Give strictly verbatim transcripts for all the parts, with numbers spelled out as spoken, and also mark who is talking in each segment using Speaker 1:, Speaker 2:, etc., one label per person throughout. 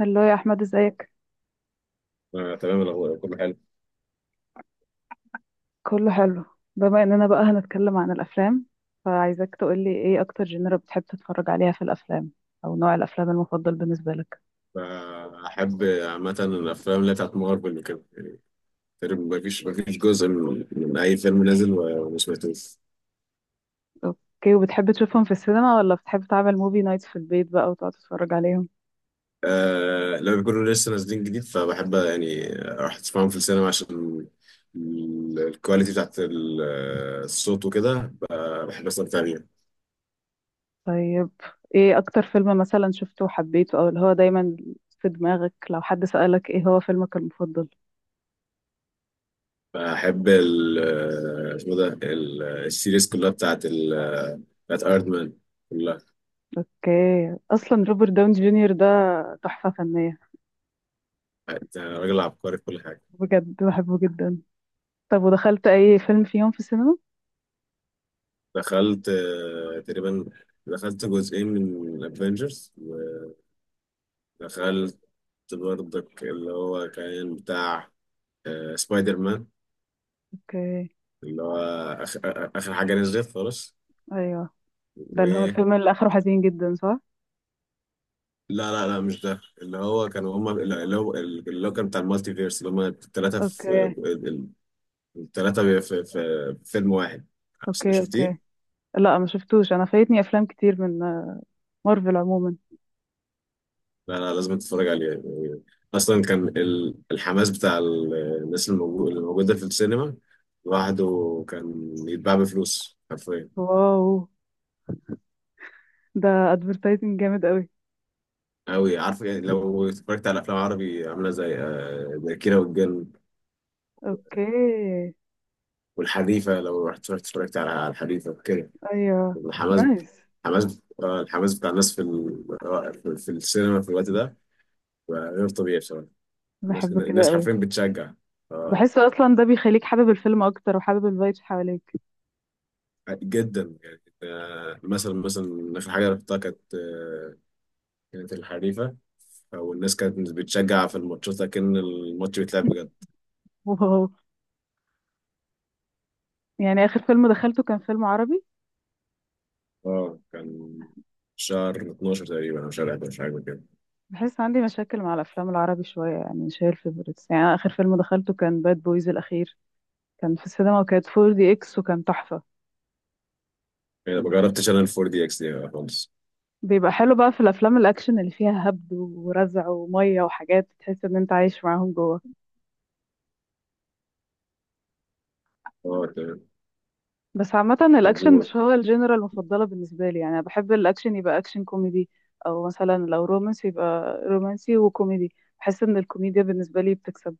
Speaker 1: هلو يا احمد، ازيك؟
Speaker 2: آه، تمام الأخبار كله حلو.
Speaker 1: كله حلو. بما اننا بقى هنتكلم عن الافلام، فعايزاك تقولي ايه اكتر جنرا بتحب تتفرج عليها في الافلام، او نوع الافلام المفضل بالنسبه لك.
Speaker 2: بحب عامة الأفلام اللي بتاعت مارفل وكده يعني. تقريبا مفيش مفيش جزء من, من أي فيلم نازل و- وما سمعتوش.
Speaker 1: اوكي، وبتحب تشوفهم في السينما ولا بتحب تعمل موفي نايت في البيت بقى وتقعد تتفرج عليهم؟
Speaker 2: آه، لما بيكونوا لسه نازلين جديد، فبحب يعني أروح أسمعهم في السينما عشان ال- الكواليتي بتاعت ال- الصوت وكده. ب- بحب أستمتع بيها.
Speaker 1: طيب، ايه اكتر فيلم مثلا شفته وحبيته، او اللي هو دايما في دماغك لو حد سألك ايه هو فيلمك المفضل؟
Speaker 2: بحب ال اسمه ده ال- السيريز كلها بتاعت ال- بتاعت أيرون مان كلها.
Speaker 1: اوكي، اصلا روبرت داون جونيور ده تحفة فنية.
Speaker 2: أنت راجل عبقري في كل حاجة.
Speaker 1: بجد بحبه جدا. طب ودخلت اي فيلم فيهم في السينما؟
Speaker 2: دخلت، آه، تقريبا دخلت جزئين من الافنجرز. ودخلت برضك اللي هو كان بتاع، آه، سبايدر مان،
Speaker 1: اوكي.
Speaker 2: اللي هو آخ- آه، اخر حاجه نزلت خالص.
Speaker 1: ايوه، ده
Speaker 2: و...
Speaker 1: اللي هو الفيلم اللي اخره حزين جدا صح؟
Speaker 2: لا لا لا، مش ده، اللي هو
Speaker 1: اوكي،
Speaker 2: كانوا هما اللي هو اللي هو كان بتاع المالتي فيرس، اللي هما الثلاثه في
Speaker 1: اوكي.
Speaker 2: الثلاثه في, في, في فيلم واحد.
Speaker 1: اوكي، اوكي.
Speaker 2: شفتيه؟
Speaker 1: لا، ما شفتوش. انا فايتني افلام كتير من آه، مارفل عموما.
Speaker 2: لا لا، لازم تتفرج عليه يعني. اصلا كان ال- الحماس بتاع ال- الناس الموجو- اللي موجوده في السينما لوحده كان يتباع بفلوس حرفيا.
Speaker 1: واو، ده ادفرتايزنج جامد قوي.
Speaker 2: أوي عارف يعني، لو اتفرجت على أفلام عربي عاملة زي، آه، زي كيرة والجن
Speaker 1: اوكي.
Speaker 2: والحريفة، لو رحت اتفرجت اتفرجت على على الحريفة كده،
Speaker 1: ايوه.
Speaker 2: الحماس.
Speaker 1: نايس.
Speaker 2: الحماس آه، الحماس بتاع الناس في ال- آه، في في السينما في الوقت ده بقى غير طبيعي بصراحة. الناس
Speaker 1: بحبه كده
Speaker 2: الناس
Speaker 1: قوي.
Speaker 2: حرفيا بتشجع. آه،
Speaker 1: بحس اصلا ده بيخليك حابب الفيلم اكتر وحابب الفايبس حواليك.
Speaker 2: جدا يعني، آه، مثلا مثلا اخر حاجه رحتها كانت، آه، كانت الحريفه. والناس كانت بتشجع في الماتشات لكن الماتش بيتلعب بجد.
Speaker 1: واو. يعني اخر فيلم دخلته كان فيلم عربي.
Speaker 2: اه، كان شهر اتناشر تقريبا او شهر حداشر حاجه كده.
Speaker 1: بحس عندي مشاكل مع الافلام العربي شويه، يعني مش هي الفيفوريتس. يعني أنا اخر فيلم دخلته كان باد بويز الاخير، كان في السينما وكانت فور دي اكس وكان تحفه.
Speaker 2: يعني ما جربتش انا الفور دي اكس دي خالص.
Speaker 1: بيبقى حلو بقى في الافلام الاكشن اللي فيها هبد ورزع وميه وحاجات تحس ان انت عايش معاهم جوه.
Speaker 2: اه تمام.
Speaker 1: بس عامه
Speaker 2: طب،
Speaker 1: الاكشن
Speaker 2: و-
Speaker 1: مش هو الجنرال المفضله بالنسبه لي، يعني انا بحب الاكشن يبقى اكشن كوميدي، او مثلا لو رومانسي يبقى رومانسي وكوميدي. بحس ان الكوميديا بالنسبه لي بتكسب.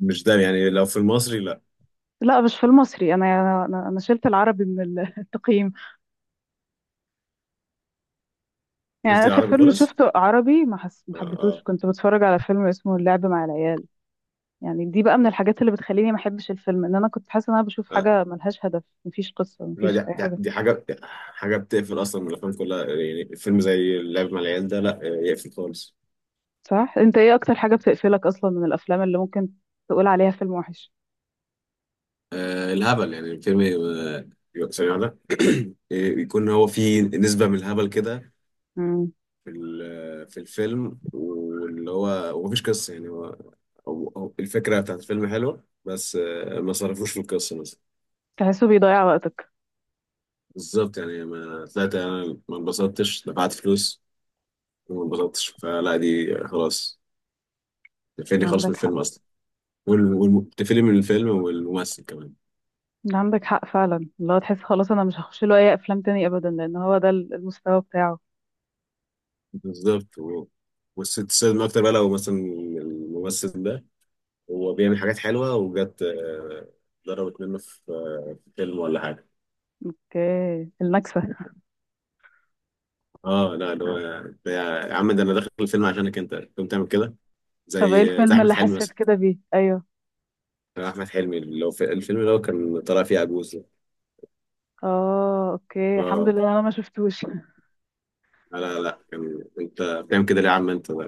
Speaker 2: مش ده يعني، لو في المصري، لا،
Speaker 1: لا، مش في المصري. انا انا انا شلت العربي من ال- التقييم. يعني
Speaker 2: قلت
Speaker 1: اخر
Speaker 2: العربي
Speaker 1: فيلم
Speaker 2: خالص.
Speaker 1: شفته عربي ما حس... ما
Speaker 2: اه
Speaker 1: حبيتهوش.
Speaker 2: اه.
Speaker 1: كنت بتفرج على فيلم اسمه اللعب مع العيال. يعني دي بقى من الحاجات اللي بتخليني ما احبش الفيلم، ان انا كنت حاسه ان انا بشوف
Speaker 2: آه.
Speaker 1: حاجه ملهاش هدف، مفيش قصه،
Speaker 2: لا،
Speaker 1: مفيش
Speaker 2: دي
Speaker 1: اي
Speaker 2: دي
Speaker 1: حاجه.
Speaker 2: دي حاجه دي حاجه بتقفل اصلا من الافلام كلها، يعني فيلم زي اللعب مع العيال ده لا يقفل خالص.
Speaker 1: صح، انت ايه اكتر حاجه بتقفلك اصلا من الافلام اللي ممكن تقول عليها فيلم وحش؟
Speaker 2: آه، الهبل يعني، الفيلم يبقى يبقى ثانية واحدة يكون هو فيه نسبة من الهبل كده
Speaker 1: امم
Speaker 2: في ال- آه، في الفيلم، واللي هو ومفيش قصة، يعني هو هو- هو الفكرة بتاعت الفيلم حلوة، بس آه، ما صرفوش في القصة مثلا.
Speaker 1: تحسه بيضيع وقتك.
Speaker 2: بالظبط، يعني ما طلعت أنا، ما انبسطتش، دفعت فلوس وما انبسطتش، فلا دي خلاص، تقفلني خالص من
Speaker 1: عندك
Speaker 2: الفيلم
Speaker 1: حق.
Speaker 2: أصلا. وال- وال- تقفلني من الفيلم والممثل كمان.
Speaker 1: عندك حق فعلا، اللي هو تحس خلاص انا مش هخش له اي افلام تاني ابدا لان هو ده المستوى بتاعه.
Speaker 2: بالظبط، و- والست تستخدم أكتر بقى، لو مثلا الممثل ده هو بيعمل حاجات حلوه وجت، آه، ضربت منه في، آه، في فيلم ولا حاجه.
Speaker 1: اوكي، النكسه.
Speaker 2: اه لا، ده هو- ده، يا عم، ده انا داخل الفيلم عشانك انت تقوم تعمل كده؟
Speaker 1: طب ايه
Speaker 2: زي زي
Speaker 1: الفيلم
Speaker 2: احمد
Speaker 1: اللي
Speaker 2: حلمي
Speaker 1: حسيت
Speaker 2: مثلا.
Speaker 1: كده بيه؟ ايوه.
Speaker 2: كان احمد حلمي اللي هو في الفيلم اللي هو كان طالع فيه عجوز ده.
Speaker 1: اه اوكي، الحمد
Speaker 2: اه.
Speaker 1: لله انا ما شفتوش.
Speaker 2: لا لا لا، كان انت بتعمل كده ليه يا عم انت، ده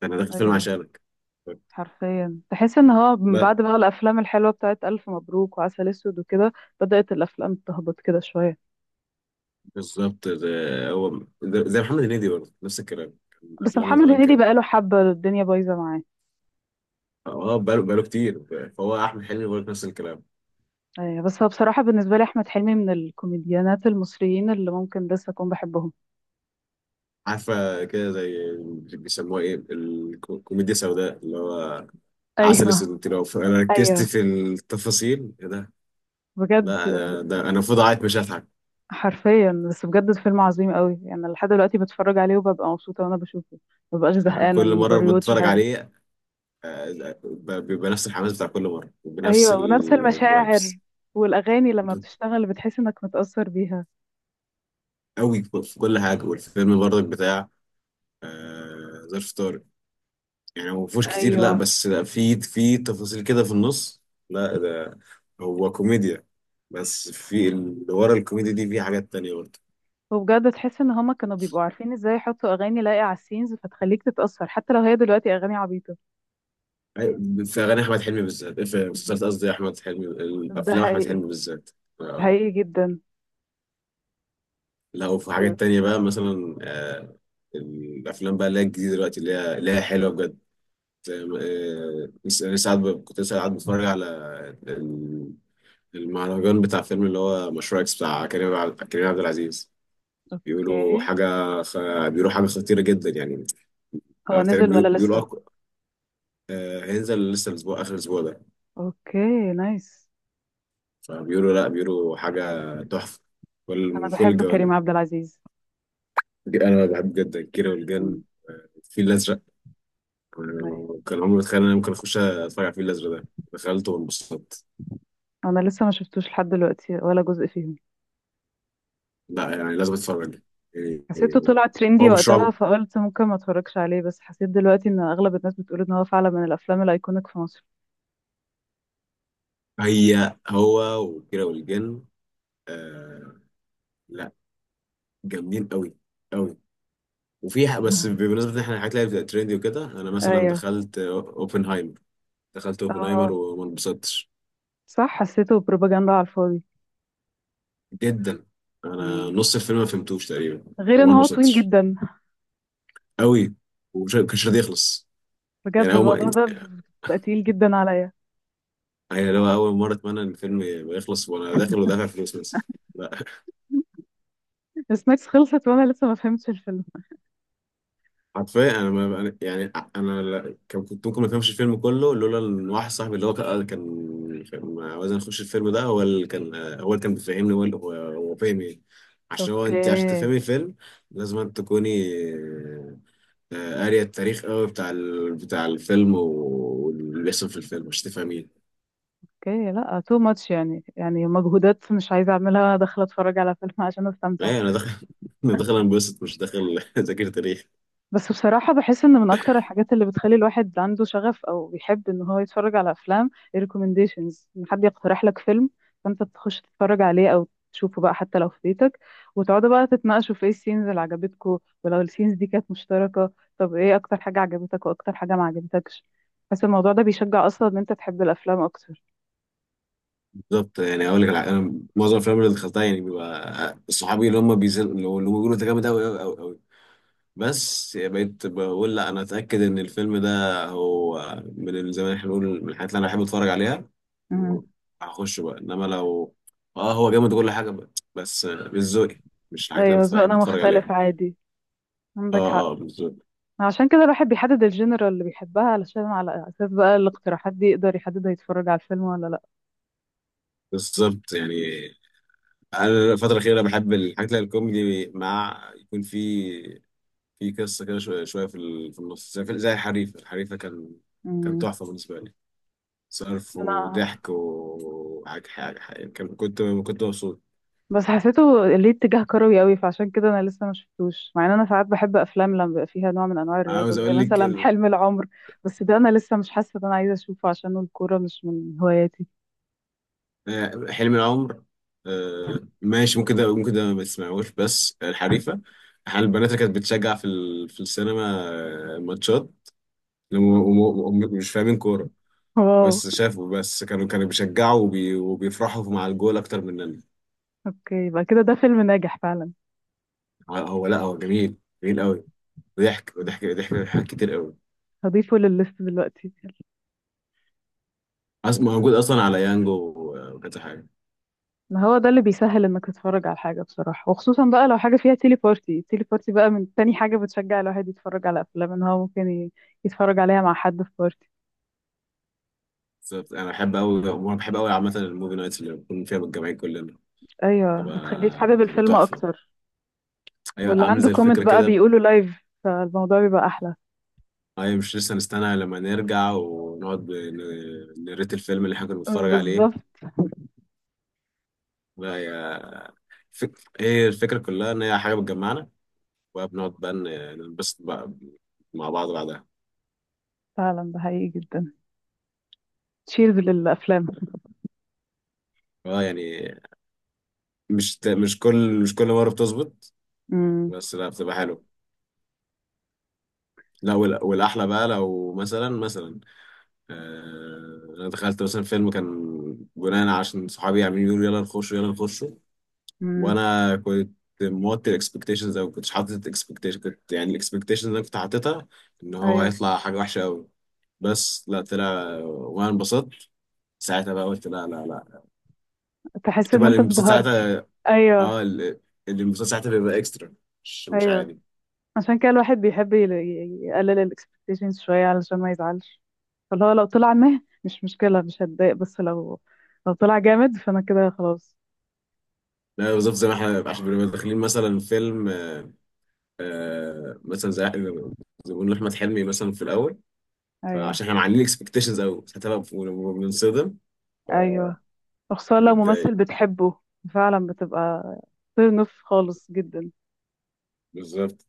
Speaker 2: ده انا داخل الفيلم
Speaker 1: ايوه.
Speaker 2: عشانك.
Speaker 1: حرفيا تحس ان هو من
Speaker 2: بس.
Speaker 1: بعد بقى الافلام الحلوه بتاعت الف مبروك وعسل اسود وكده بدات الافلام تهبط كده شويه.
Speaker 2: بالظبط ده، هو ده- زي محمد هنيدي برضه نفس الكلام، كان
Speaker 1: بس
Speaker 2: افلامه
Speaker 1: محمد
Speaker 2: زمان
Speaker 1: هنيدي
Speaker 2: كانت.
Speaker 1: بقى له حبه الدنيا بايظه معاه.
Speaker 2: اه، بقاله بقاله كتير. فهو احمد حلمي برضه نفس الكلام.
Speaker 1: أيوة، بس هو بصراحه بالنسبه لي احمد حلمي من الكوميديانات المصريين اللي ممكن لسه اكون بحبهم.
Speaker 2: عارفة كده، زي، بيسموها ايه، الكوميديا السوداء، اللي هو عسل اسود
Speaker 1: ايوه.
Speaker 2: وانتي فانا، ركزت
Speaker 1: ايوه.
Speaker 2: في التفاصيل ايه ده.
Speaker 1: بجد.
Speaker 2: لا ده, ده انا المفروض اعيط مش هضحك.
Speaker 1: حرفيا، بس بجد فيلم عظيم قوي. يعني لحد دلوقتي بتفرج عليه وببقى مبسوطه وانا بشوفه، ما ببقاش
Speaker 2: انا
Speaker 1: زهقانه
Speaker 2: كل
Speaker 1: اني
Speaker 2: مرة
Speaker 1: بريوتش
Speaker 2: بتفرج
Speaker 1: حاجه.
Speaker 2: عليه، آه، ب- بيبقى نفس الحماس بتاع كل مرة بنفس
Speaker 1: ايوه، ونفس المشاعر.
Speaker 2: الفايبس
Speaker 1: والاغاني لما بتشتغل بتحس انك متاثر بيها.
Speaker 2: قوي في كل حاجة. والفيلم برضك بتاع آه، ظرف طارق. يعني هو مفهوش كتير، لا،
Speaker 1: ايوه.
Speaker 2: بس لا، في في تفاصيل كده في النص. لا ده هو كوميديا، بس في اللي ورا الكوميديا دي في حاجات تانية برضه.
Speaker 1: وبجد تحس ان هما كانوا بيبقوا عارفين ازاي يحطوا اغاني لايقه على السينز فتخليك تتاثر حتى لو هي دلوقتي اغاني عبيطه.
Speaker 2: أي- في أغاني أحمد حلمي بالذات في
Speaker 1: ب-
Speaker 2: مسلسلات، قصدي أحمد حلمي
Speaker 1: ده
Speaker 2: الأفلام، أحمد
Speaker 1: حقيقي.
Speaker 2: حلمي بالذات. آه.
Speaker 1: حقيقي جدا.
Speaker 2: لا، وفي حاجات تانية بقى مثلا، آه، الأفلام بقى اللي هي الجديدة دلوقتي، اللي هي اللي هي حلوة بجد. آه، لسه لسه قاعد، ب- كنت لسه قاعد بتفرج على ال- المهرجان بتاع فيلم اللي هو مشروع إكس بتاع كريم عبد كريم عبد العزيز. بيقولوا
Speaker 1: اوكي،
Speaker 2: حاجة، خ... بيقولوا حاجة خطيرة جدا يعني.
Speaker 1: هو
Speaker 2: آه، تقريبا
Speaker 1: نزل ولا
Speaker 2: بيقول- بيقولوا
Speaker 1: لسه؟
Speaker 2: أك... آه، هينزل لسه الأسبوع آخر الأسبوع ده.
Speaker 1: اوكي. نايس.
Speaker 2: فبيقولوا لا، بيقولوا حاجة تحفة، كل
Speaker 1: انا
Speaker 2: من كل
Speaker 1: بحب
Speaker 2: الجوانب.
Speaker 1: كريم عبد العزيز.
Speaker 2: دي أنا بحب جدا كيرة والجن،
Speaker 1: مم.
Speaker 2: الفيل الأزرق.
Speaker 1: أيوة.
Speaker 2: آه، كان عمري ما أتخيل إن أنا ممكن أخش أتفرج على الفيل الأزرق ده. دخلته وانبسطت.
Speaker 1: انا لسه ما شفتوش لحد دلوقتي ولا جزء فيهم.
Speaker 2: لا، يعني لازم أتفرج يعني.
Speaker 1: حسيته طلع ترندي
Speaker 2: هو مش
Speaker 1: وقتها
Speaker 2: رعب،
Speaker 1: فقلت ممكن ما اتفرجش عليه، بس حسيت دلوقتي ان اغلب الناس بتقول ان هو فعلا من الافلام الايكونيك في مصر.
Speaker 2: هي هو وكيرة والجن، آه، لا، جامدين قوي. وفي ح- بس بمناسبة ان احنا الحاجات اللي هي بتبقى ترندي وكده، انا مثلا
Speaker 1: ايوه.
Speaker 2: دخلت اوبنهايمر. دخلت اوبنهايمر
Speaker 1: اه
Speaker 2: وما انبسطتش
Speaker 1: صح، حسيته بروباجندا على الفاضي.
Speaker 2: جدا. انا
Speaker 1: مم.
Speaker 2: نص الفيلم ما فهمتوش تقريبا.
Speaker 1: غير ان
Speaker 2: وما
Speaker 1: هو طويل
Speaker 2: انبسطتش
Speaker 1: جدا.
Speaker 2: قوي، ومش كانش راضي يخلص. يعني
Speaker 1: بجد
Speaker 2: اول ما،
Speaker 1: الموضوع ده بقى تقيل جدا عليا.
Speaker 2: يعني لو اول مرة اتمنى ان الفيلم يبقى يخلص وانا داخل ودافع فلوس مثلا.
Speaker 1: السناكس خلصت وانا لسه ما فهمتش الفيلم.
Speaker 2: حرفيا انا ما أنا- يعني انا لا- كان- كنت ممكن ما افهمش الفيلم كله، لولا ان واحد صاحبي اللي هو كان كان كان عاوز نخش الفيلم ده، هو اللي كان، هو اللي كان بيفهمني، هو اللي- هو هو فاهم ايه. عشان هو انت عشان
Speaker 1: اوكي،
Speaker 2: تفهمي الفيلم لازم أن تكوني، آه، قارية التاريخ قوي بتاع، ال... بتاع الفيلم، و- واللي بيحصل في الفيلم مش تفهميه.
Speaker 1: اوكي. لا تو ماتش، يعني يعني مجهودات مش عايزه اعملها داخله اتفرج على فيلم عشان استمتع.
Speaker 2: ايه، انا داخل انا داخل انبسط مش داخل اذاكر تاريخ.
Speaker 1: بس بصراحة بحس ان من اكتر الحاجات اللي بتخلي الواحد عنده شغف او بيحب ان هو يتفرج على افلام الريكومنديشنز، ان حد يقترح لك فيلم فانت تخش تتفرج عليه او تشوفه بقى حتى لو في بيتك، وتقعدوا بقى تتناقشوا في ايه السينز اللي عجبتكوا ولو السينز دي كانت مشتركة. طب ايه اكتر حاجة عجبتك واكتر حاجة ما عجبتكش؟ بس الموضوع ده بيشجع اصلا ان انت تحب الافلام اكتر.
Speaker 2: بالظبط، يعني اقول لك، على- انا معظم الافلام اللي دخلتها يعني بيبقى صحابي اللي هم، بيزن... اللي هم بيقولوا انت جامد قوي قوي قوي. بس بقيت بقول، لا، انا اتاكد ان الفيلم ده هو، من زي ما احنا بنقول، من الحاجات اللي انا بحب اتفرج عليها،
Speaker 1: امم.
Speaker 2: هخش بقى. انما لو، اه، هو جامد وكل حاجه بقى، بس مش ذوقي، مش الحاجات اللي
Speaker 1: ايوه،
Speaker 2: أنا بحب
Speaker 1: ذوقنا
Speaker 2: اتفرج عليها.
Speaker 1: مختلف عادي.
Speaker 2: اه
Speaker 1: عندك حق.
Speaker 2: اه بالظبط.
Speaker 1: عشان كده الواحد بيحدد الجنرال اللي بيحبها علشان على اساس بقى الاقتراحات دي يقدر يحدد هيتفرج على الفيلم ولا لا.
Speaker 2: بالظبط، يعني انا الفتره الاخيره بحب الحاجات اللي هي الكوميدي، مع يكون في، في قصه كده شويه شويه في، ال- في النص، زي، في- زي الحريفه. الحريفه كان كان
Speaker 1: امم.
Speaker 2: تحفه بالنسبه لي، صرف
Speaker 1: انا
Speaker 2: وضحك وحاجة حاجة حاجة، كان- كنت كنت مبسوط.
Speaker 1: بس حسيته ليه اتجاه كروي قوي فعشان كده انا لسه ما شفتوش، مع ان انا ساعات بحب افلام لما بيبقى فيها نوع من انواع الرياضه
Speaker 2: عاوز
Speaker 1: زي
Speaker 2: أقول لك
Speaker 1: مثلا
Speaker 2: ال-
Speaker 1: حلم العمر. بس ده انا لسه مش حاسه ان انا عايزه اشوفه عشان الكوره مش من هواياتي.
Speaker 2: آه، حلم العمر. آه، ماشي، ممكن ده ممكن ده ما تسمعوش، بس الحريفة، احنا البنات اللي كانت بتشجع في، ال- في السينما، آه، ماتشات، لما- وم- وم- مش فاهمين كورة،
Speaker 1: واو.
Speaker 2: بس شافوا، بس كانوا كانوا بيشجعوا وبي وبيفرحوا مع الجول أكتر مننا.
Speaker 1: اوكي، يبقى كده ده فيلم ناجح فعلا.
Speaker 2: هو، هو لا، هو جميل، جميل قوي. وضحك وضحك وضحك، حاجات كتير قوي.
Speaker 1: هضيفه للليست دلوقتي.
Speaker 2: أصلا موجود أصلا على يانجو، آه، وكذا حاجة.
Speaker 1: ما هو ده اللي بيسهل انك تتفرج على حاجة بصراحة، وخصوصا بقى لو حاجة فيها تيلي بارتي. تيلي بارتي بقى من تاني حاجة بتشجع الواحد يتفرج على افلام، ان هو ممكن ي- يتفرج عليها مع حد في بارتي.
Speaker 2: بالظبط، انا بحب قوي، وانا بحب قوي عامه الموفي نايتس اللي بنكون فيها متجمعين كلنا،
Speaker 1: ايوه، بتخليك
Speaker 2: بتبقى
Speaker 1: حابب
Speaker 2: بتبقى
Speaker 1: الفيلم
Speaker 2: تحفه.
Speaker 1: اكتر.
Speaker 2: ايوه،
Speaker 1: واللي
Speaker 2: عامل
Speaker 1: عنده
Speaker 2: زي
Speaker 1: كومنت
Speaker 2: الفكره
Speaker 1: بقى
Speaker 2: كده.
Speaker 1: بيقوله لايف فالموضوع بيبقى احلى.
Speaker 2: ايوه، مش لسه نستنى لما نرجع ونقعد ن- نريت الفيلم اللي احنا كنا بنتفرج
Speaker 1: بالظبط.
Speaker 2: عليه. لا، هي، فك... هي الفكره كلها، ان هي حاجه بتجمعنا، وبنقعد بقى ن- ننبسط بقى مع بعض بعدها.
Speaker 1: فعلا ده حقيقي جدا. تشيرز للافلام.
Speaker 2: اه يعني، مش ت- مش كل مش كل مره بتظبط،
Speaker 1: امم.
Speaker 2: بس لا، بتبقى حلو. لا، وال- والاحلى بقى، لو مثلا مثلا، آه، انا دخلت مثلا فيلم كان بناء عشان صحابي عاملين يقولوا يلا نخشه يلا نخشه،
Speaker 1: امم.
Speaker 2: وانا كنت موطي الاكسبكتيشنز، او كنتش حاطط الاكسبكتيشن، كنت يعني الاكسبكتيشن اللي انا كنت حاططها ان هو
Speaker 1: ايوه،
Speaker 2: هيطلع حاجه وحشه قوي. بس لا، طلع وانا انبسطت. ساعتها بقى قلت، لا لا لا،
Speaker 1: تحس ان
Speaker 2: بتبقى
Speaker 1: انت
Speaker 2: الانبساط
Speaker 1: انبهرت.
Speaker 2: ساعتها.
Speaker 1: ايوه.
Speaker 2: اه، ال- الانبساط ساعتها بيبقى اكسترا، مش مش
Speaker 1: ايوه،
Speaker 2: عادي.
Speaker 1: عشان كده الواحد بيحب ي- ي- يقلل الاكسبكتيشنز شوية علشان ما يزعلش. فاللي هو لو طلع مه مش مشكلة مش هتضايق، بس لو لو طلع جامد فانا كده خلاص.
Speaker 2: لا بالظبط، زي ما احنا عشان بنبقى داخلين مثلا فيلم، آه مثلا، زي زي ما بنقول احمد حلمي مثلا في الاول،
Speaker 1: ايوه.
Speaker 2: فعشان احنا معلين اكسبكتيشنز قوي، ساعتها بقى بننصدم،
Speaker 1: ايوه، وخصوصا لو ممثل
Speaker 2: بنتضايق.
Speaker 1: بتحبه. فعلا بتبقى ترن اوف خالص جدا.
Speaker 2: بالظبط.